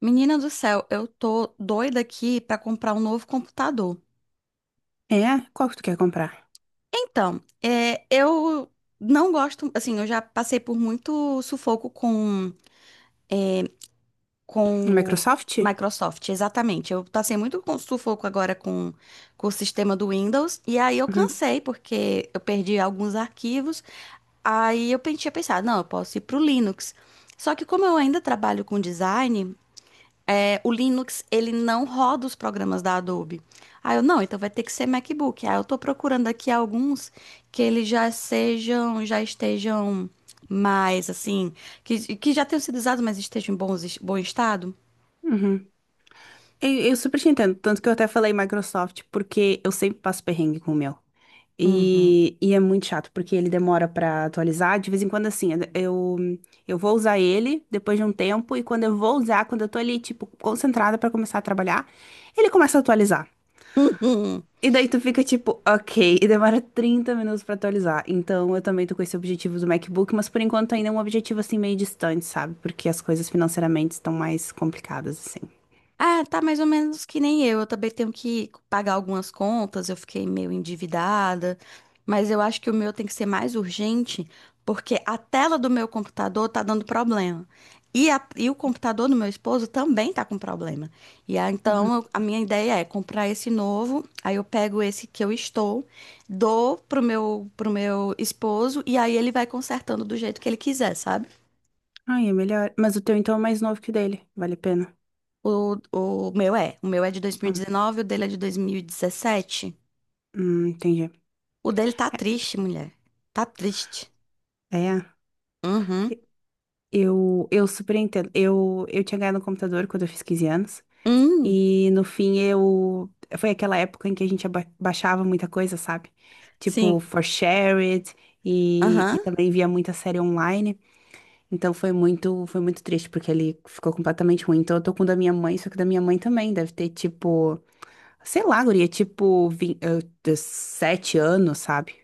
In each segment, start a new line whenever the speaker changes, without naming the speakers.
Menina do céu, eu tô doida aqui pra comprar um novo computador.
É? Qual que tu quer comprar?
Então, eu não gosto, assim, eu já passei por muito sufoco com,
Um
com o
Microsoft?
Microsoft, exatamente. Eu passei muito com sufoco agora com o sistema do Windows, e aí eu
Uhum.
cansei, porque eu perdi alguns arquivos. Aí eu tinha pensado, não, eu posso ir pro Linux. Só que como eu ainda trabalho com design, o Linux, ele não roda os programas da Adobe. Aí eu, não, então vai ter que ser MacBook. Aí eu tô procurando aqui alguns que eles já sejam, já estejam mais, assim, que já tenham sido usados, mas estejam em bom estado.
Uhum. Eu super te entendo, tanto que eu até falei Microsoft, porque eu sempre passo perrengue com o meu.
Uhum.
E é muito chato, porque ele demora pra atualizar. De vez em quando, assim, eu vou usar ele depois de um tempo, e quando eu vou usar, quando eu tô ali, tipo, concentrada pra começar a trabalhar, ele começa a atualizar. E daí tu fica tipo, ok, e demora 30 minutos pra atualizar. Então eu também tô com esse objetivo do MacBook, mas por enquanto ainda é um objetivo assim meio distante, sabe? Porque as coisas financeiramente estão mais complicadas assim.
Ah, tá mais ou menos que nem eu. Eu também tenho que pagar algumas contas, eu fiquei meio endividada, mas eu acho que o meu tem que ser mais urgente, porque a tela do meu computador tá dando problema. E o computador do meu esposo também tá com problema. E aí,
Uhum.
então, a minha ideia é comprar esse novo, aí eu pego esse que eu estou, dou pro meu esposo, e aí ele vai consertando do jeito que ele quiser, sabe?
Ai, é melhor. Mas o teu então é mais novo que o dele, vale a pena.
O meu é. O meu é de
Ah,
2019, o dele é de 2017.
entendi.
O dele tá triste, mulher. Tá triste.
É,
Uhum.
eu super entendo. Eu tinha ganhado um computador quando eu fiz 15 anos.
Hum,
E no fim eu. Foi aquela época em que a gente baixava muita coisa, sabe? Tipo,
sim.
For Share It e
Aham.
também via muita série online. Então foi muito triste, porque ele ficou completamente ruim. Então eu tô com o da minha mãe, só que o da minha mãe também deve ter tipo, sei lá, guria, tipo, 7 anos, sabe?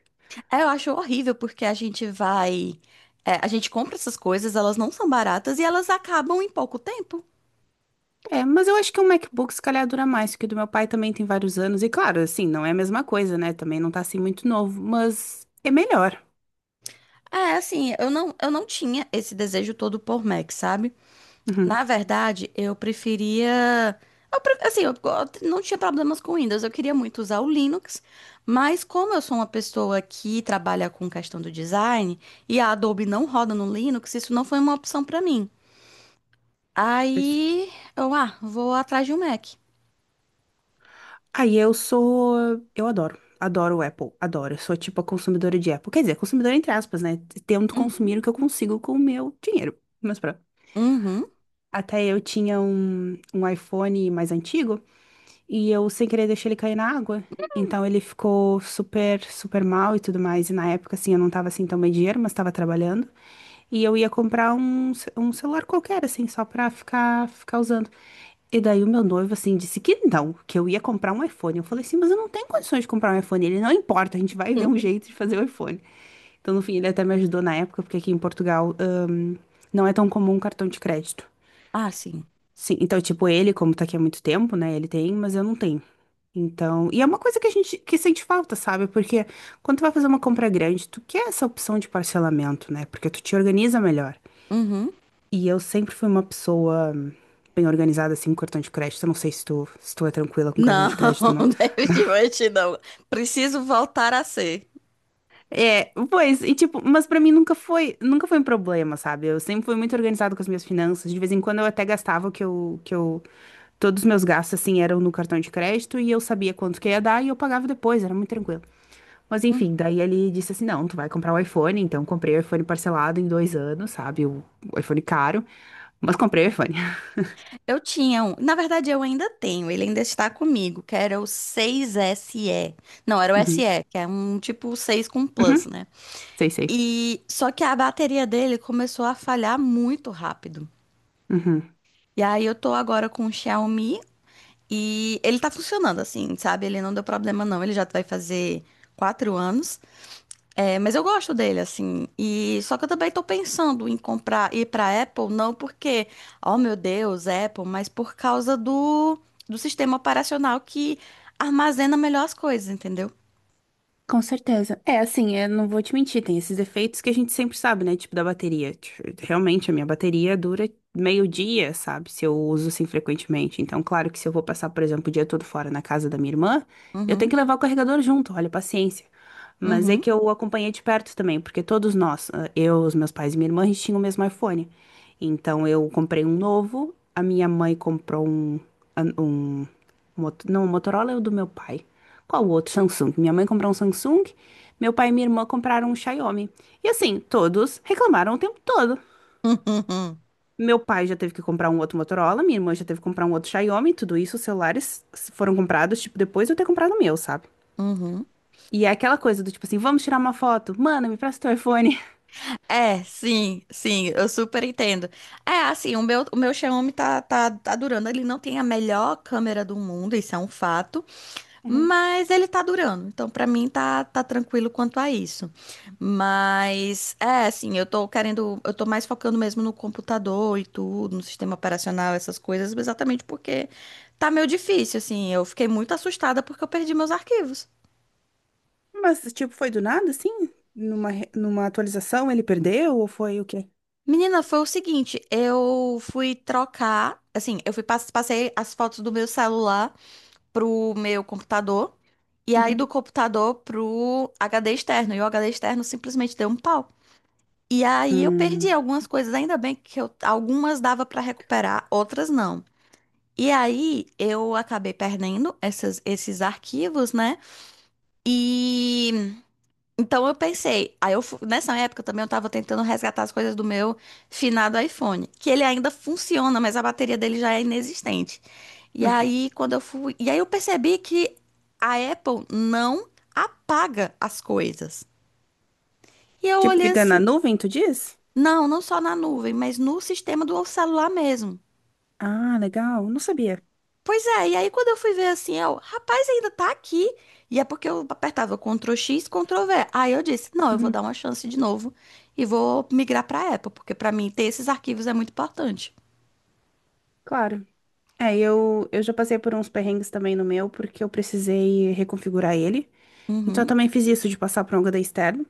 É, eu acho horrível porque a gente vai. A gente compra essas coisas, elas não são baratas e elas acabam em pouco tempo.
É, mas eu acho que o MacBook se calhar dura mais, porque o do meu pai também tem vários anos. E claro, assim, não é a mesma coisa, né? Também não tá assim muito novo, mas é melhor.
É, assim, eu não tinha esse desejo todo por Mac, sabe?
Uhum.
Na verdade, eu preferia. Assim, não tinha problemas com Windows, eu queria muito usar o Linux, mas como eu sou uma pessoa que trabalha com questão do design e a Adobe não roda no Linux, isso não foi uma opção pra mim. Aí eu, vou atrás de um Mac.
Aí eu sou. Eu adoro. Adoro o Apple. Adoro. Eu sou tipo a consumidora de Apple. Quer dizer, consumidora entre aspas, né? Tento
Uhum.
consumir o que eu consigo com o meu dinheiro. Mas pronto.
Uhum.
Até eu tinha um iPhone mais antigo e eu sem querer deixei ele cair na água. Então ele ficou super, super mal e tudo mais. E na época, assim, eu não tava assim tão bem de dinheiro, mas tava trabalhando. E eu ia comprar um celular qualquer, assim, só pra ficar usando. E daí o meu noivo, assim, disse que não, que eu ia comprar um iPhone. Eu falei assim, mas eu não tenho condições de comprar um iPhone. Ele, não importa, a gente vai ver um
Hum.
jeito de fazer o iPhone. Então, no fim, ele até me ajudou na época, porque aqui em Portugal, não é tão comum cartão de crédito.
Ah, sim.
Sim, então, tipo, ele, como tá aqui há muito tempo, né, ele tem, mas eu não tenho. Então, e é uma coisa que a gente que sente falta, sabe? Porque quando tu vai fazer uma compra grande, tu quer essa opção de parcelamento, né? Porque tu te organiza melhor.
Uhum.
E eu sempre fui uma pessoa bem organizada, assim, com cartão de crédito. Eu não sei se tu é tranquila com cartão
Não,
de crédito ou não.
definitivamente não. Preciso voltar a ser.
É, pois, e tipo, mas pra mim nunca foi um problema, sabe? Eu sempre fui muito organizada com as minhas finanças. De vez em quando eu até gastava o que eu, todos os meus gastos, assim, eram no cartão de crédito e eu sabia quanto que ia dar e eu pagava depois, era muito tranquilo. Mas
Uhum.
enfim, daí ele disse assim, não, tu vai comprar o iPhone, então comprei o iPhone parcelado em 2 anos, sabe? O iPhone caro, mas comprei o iPhone.
Eu tinha um. Na verdade, eu ainda tenho. Ele ainda está comigo, que era o 6SE. Não, era o
Uhum.
SE, que é um tipo 6 com
Uhum.
plus, né?
Sei, sei.
E só que a bateria dele começou a falhar muito rápido.
Uhum.
E aí eu tô agora com o Xiaomi e ele tá funcionando assim, sabe? Ele não deu problema não. Ele já vai fazer 4 anos. É, mas eu gosto dele, assim. E só que eu também tô pensando em comprar, ir pra Apple, não porque, oh meu Deus, Apple, mas por causa do sistema operacional que armazena melhor as coisas, entendeu?
Com certeza. É, assim, eu não vou te mentir, tem esses efeitos que a gente sempre sabe, né? Tipo da bateria. Tipo, realmente, a minha bateria dura meio dia, sabe? Se eu uso assim frequentemente. Então, claro que se eu vou passar, por exemplo, o dia todo fora na casa da minha irmã, eu
Uhum,
tenho que levar o carregador junto, olha, paciência. Mas é
uhum,
que eu acompanhei de perto também, porque todos nós, eu, os meus pais e minha irmã, a gente tinha o mesmo iPhone. Então, eu comprei um novo, a minha mãe comprou um Não, o Motorola é o do meu pai. Qual o outro? Samsung. Minha mãe comprou um Samsung, meu pai e minha irmã compraram um Xiaomi. E assim, todos reclamaram o tempo todo.
uhum,
Meu pai já teve que comprar um outro Motorola, minha irmã já teve que comprar um outro Xiaomi, tudo isso, os celulares foram comprados, tipo, depois de eu ter comprado o meu, sabe?
uhum.
E é aquela coisa do tipo assim, vamos tirar uma foto? Mano, me presta teu iPhone.
É, sim, sim, eu super entendo. É, assim, o meu Xiaomi tá durando. Ele não tem a melhor câmera do mundo, isso é um fato.
Uhum.
Mas ele tá durando, então pra mim tá tranquilo quanto a isso. Mas é assim, eu tô querendo, eu tô mais focando mesmo no computador e tudo, no sistema operacional, essas coisas, exatamente porque tá meio difícil, assim. Eu fiquei muito assustada porque eu perdi meus arquivos.
Mas, tipo, foi do nada, assim? Numa atualização ele perdeu ou foi o quê?
Menina, foi o seguinte, eu fui trocar, assim, eu fui passei as fotos do meu celular pro meu computador e aí do
Uhum.
computador pro HD externo, e o HD externo simplesmente deu um pau. E aí eu
Hum.
perdi algumas coisas, ainda bem que algumas dava para recuperar, outras não. E aí eu acabei perdendo esses arquivos, né? E então eu pensei, nessa época também eu tava tentando resgatar as coisas do meu finado iPhone, que ele ainda funciona, mas a bateria dele já é inexistente. E aí quando eu fui, e aí eu percebi que a Apple não apaga as coisas. E eu
Tipo,
olhei
fica na
assim,
nuvem, tu diz?
não, não só na nuvem, mas no sistema do celular mesmo.
Ah, legal. Não sabia.
Pois é, e aí quando eu fui ver assim, eu, rapaz, ainda tá aqui. E é porque eu apertava Ctrl X, Ctrl V. Aí eu disse, não, eu vou
Uhum,
dar uma chance de novo e vou migrar pra Apple, porque pra mim ter esses arquivos é muito importante.
claro. É, eu já passei por uns perrengues também no meu, porque eu precisei reconfigurar ele. Então eu
Uhum,
também fiz isso de passar por um HD externo.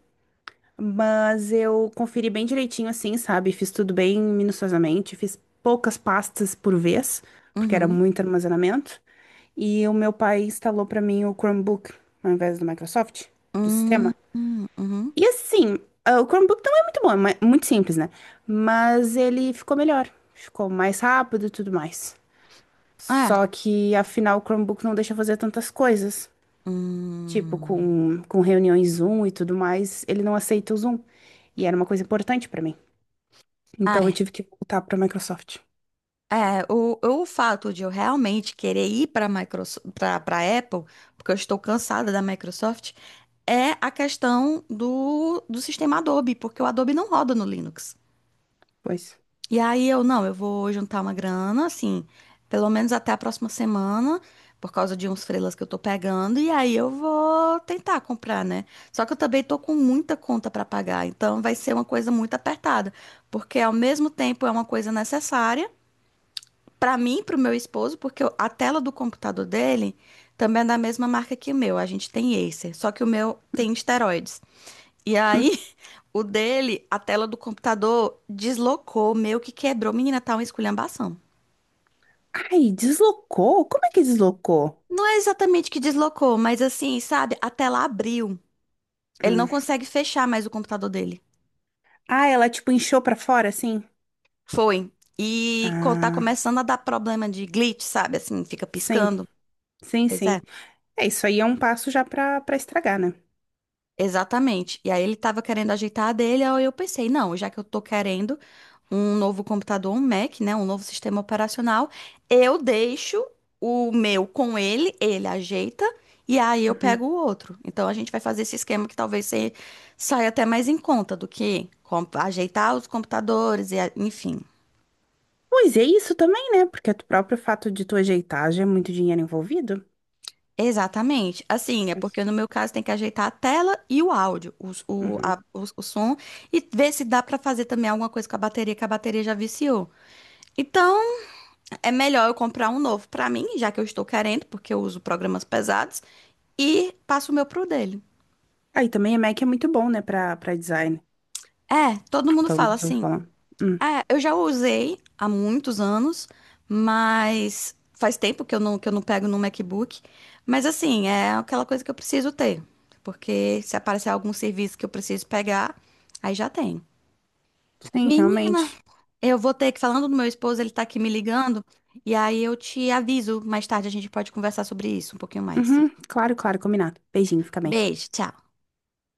Mas eu conferi bem direitinho assim, sabe? Fiz tudo bem minuciosamente, fiz poucas pastas por vez, porque era
uhum,
muito armazenamento. E o meu pai instalou pra mim o Chromebook, ao invés do Microsoft, do sistema.
uhum, uhum.
E assim, o Chromebook não é muito bom, é muito simples, né? Mas ele ficou melhor, ficou mais rápido e tudo mais.
É.
Só que, afinal, o Chromebook não deixa fazer tantas coisas. Tipo,
Hum.
com reuniões Zoom e tudo mais, ele não aceita o Zoom. E era uma coisa importante pra mim. Então
Ai,
eu tive que voltar pra Microsoft.
o fato de eu realmente querer ir para Microsoft, para Apple, porque eu estou cansada da Microsoft, é a questão do sistema Adobe, porque o Adobe não roda no Linux.
Pois.
E aí eu, não, eu vou juntar uma grana, assim, pelo menos até a próxima semana, por causa de uns freelas que eu tô pegando, e aí eu vou tentar comprar, né? Só que eu também tô com muita conta para pagar, então vai ser uma coisa muito apertada, porque ao mesmo tempo é uma coisa necessária para mim, para o meu esposo, porque a tela do computador dele também é da mesma marca que o meu. A gente tem Acer, só que o meu tem esteroides. E aí, o dele, a tela do computador deslocou, meio que quebrou. Menina, tá uma esculhambação.
Ai, deslocou? Como é que deslocou?
Não é exatamente que deslocou, mas assim, sabe? A tela abriu. Ele não
Hum.
consegue fechar mais o computador dele.
Ah, ela tipo inchou pra fora, assim?
Foi. E tá
Ah,
começando a dar problema de glitch, sabe? Assim, fica
sim,
piscando.
sim,
Pois é.
sim. É, isso aí é um passo já pra, estragar, né?
Exatamente. E aí ele tava querendo ajeitar a dele, aí eu pensei, não, já que eu tô querendo um novo computador, um Mac, né, um novo sistema operacional, eu deixo o meu com ele, ele ajeita e aí eu pego
Uhum.
o outro. Então a gente vai fazer esse esquema que talvez saia até mais em conta do que ajeitar os computadores e enfim.
Pois é isso também, né? Porque o próprio fato de tu ajeitar já é muito dinheiro envolvido.
Exatamente. Assim, é
Mas,
porque no meu caso tem que ajeitar a tela e o áudio, os- o,
uhum.
a- os- o, som, e ver se dá pra fazer também alguma coisa com a bateria, que a bateria já viciou. Então, é melhor eu comprar um novo pra mim, já que eu estou querendo, porque eu uso programas pesados, e passo o meu pro dele.
Aí também a Mac é muito bom, né, pra design.
É, todo mundo
Pelo
fala
menos eu vou
assim.
falar. Hum.
É, eu já usei há muitos anos, mas faz tempo que eu não, pego no MacBook. Mas assim, é aquela coisa que eu preciso ter. Porque se aparecer algum serviço que eu preciso pegar, aí já tem.
Sim,
Menina,
realmente.
eu vou ter que, falando do meu esposo, ele tá aqui me ligando. E aí eu te aviso mais tarde, a gente pode conversar sobre isso um pouquinho mais.
Uhum. Claro, claro, combinado. Beijinho, fica bem.
Beijo, tchau.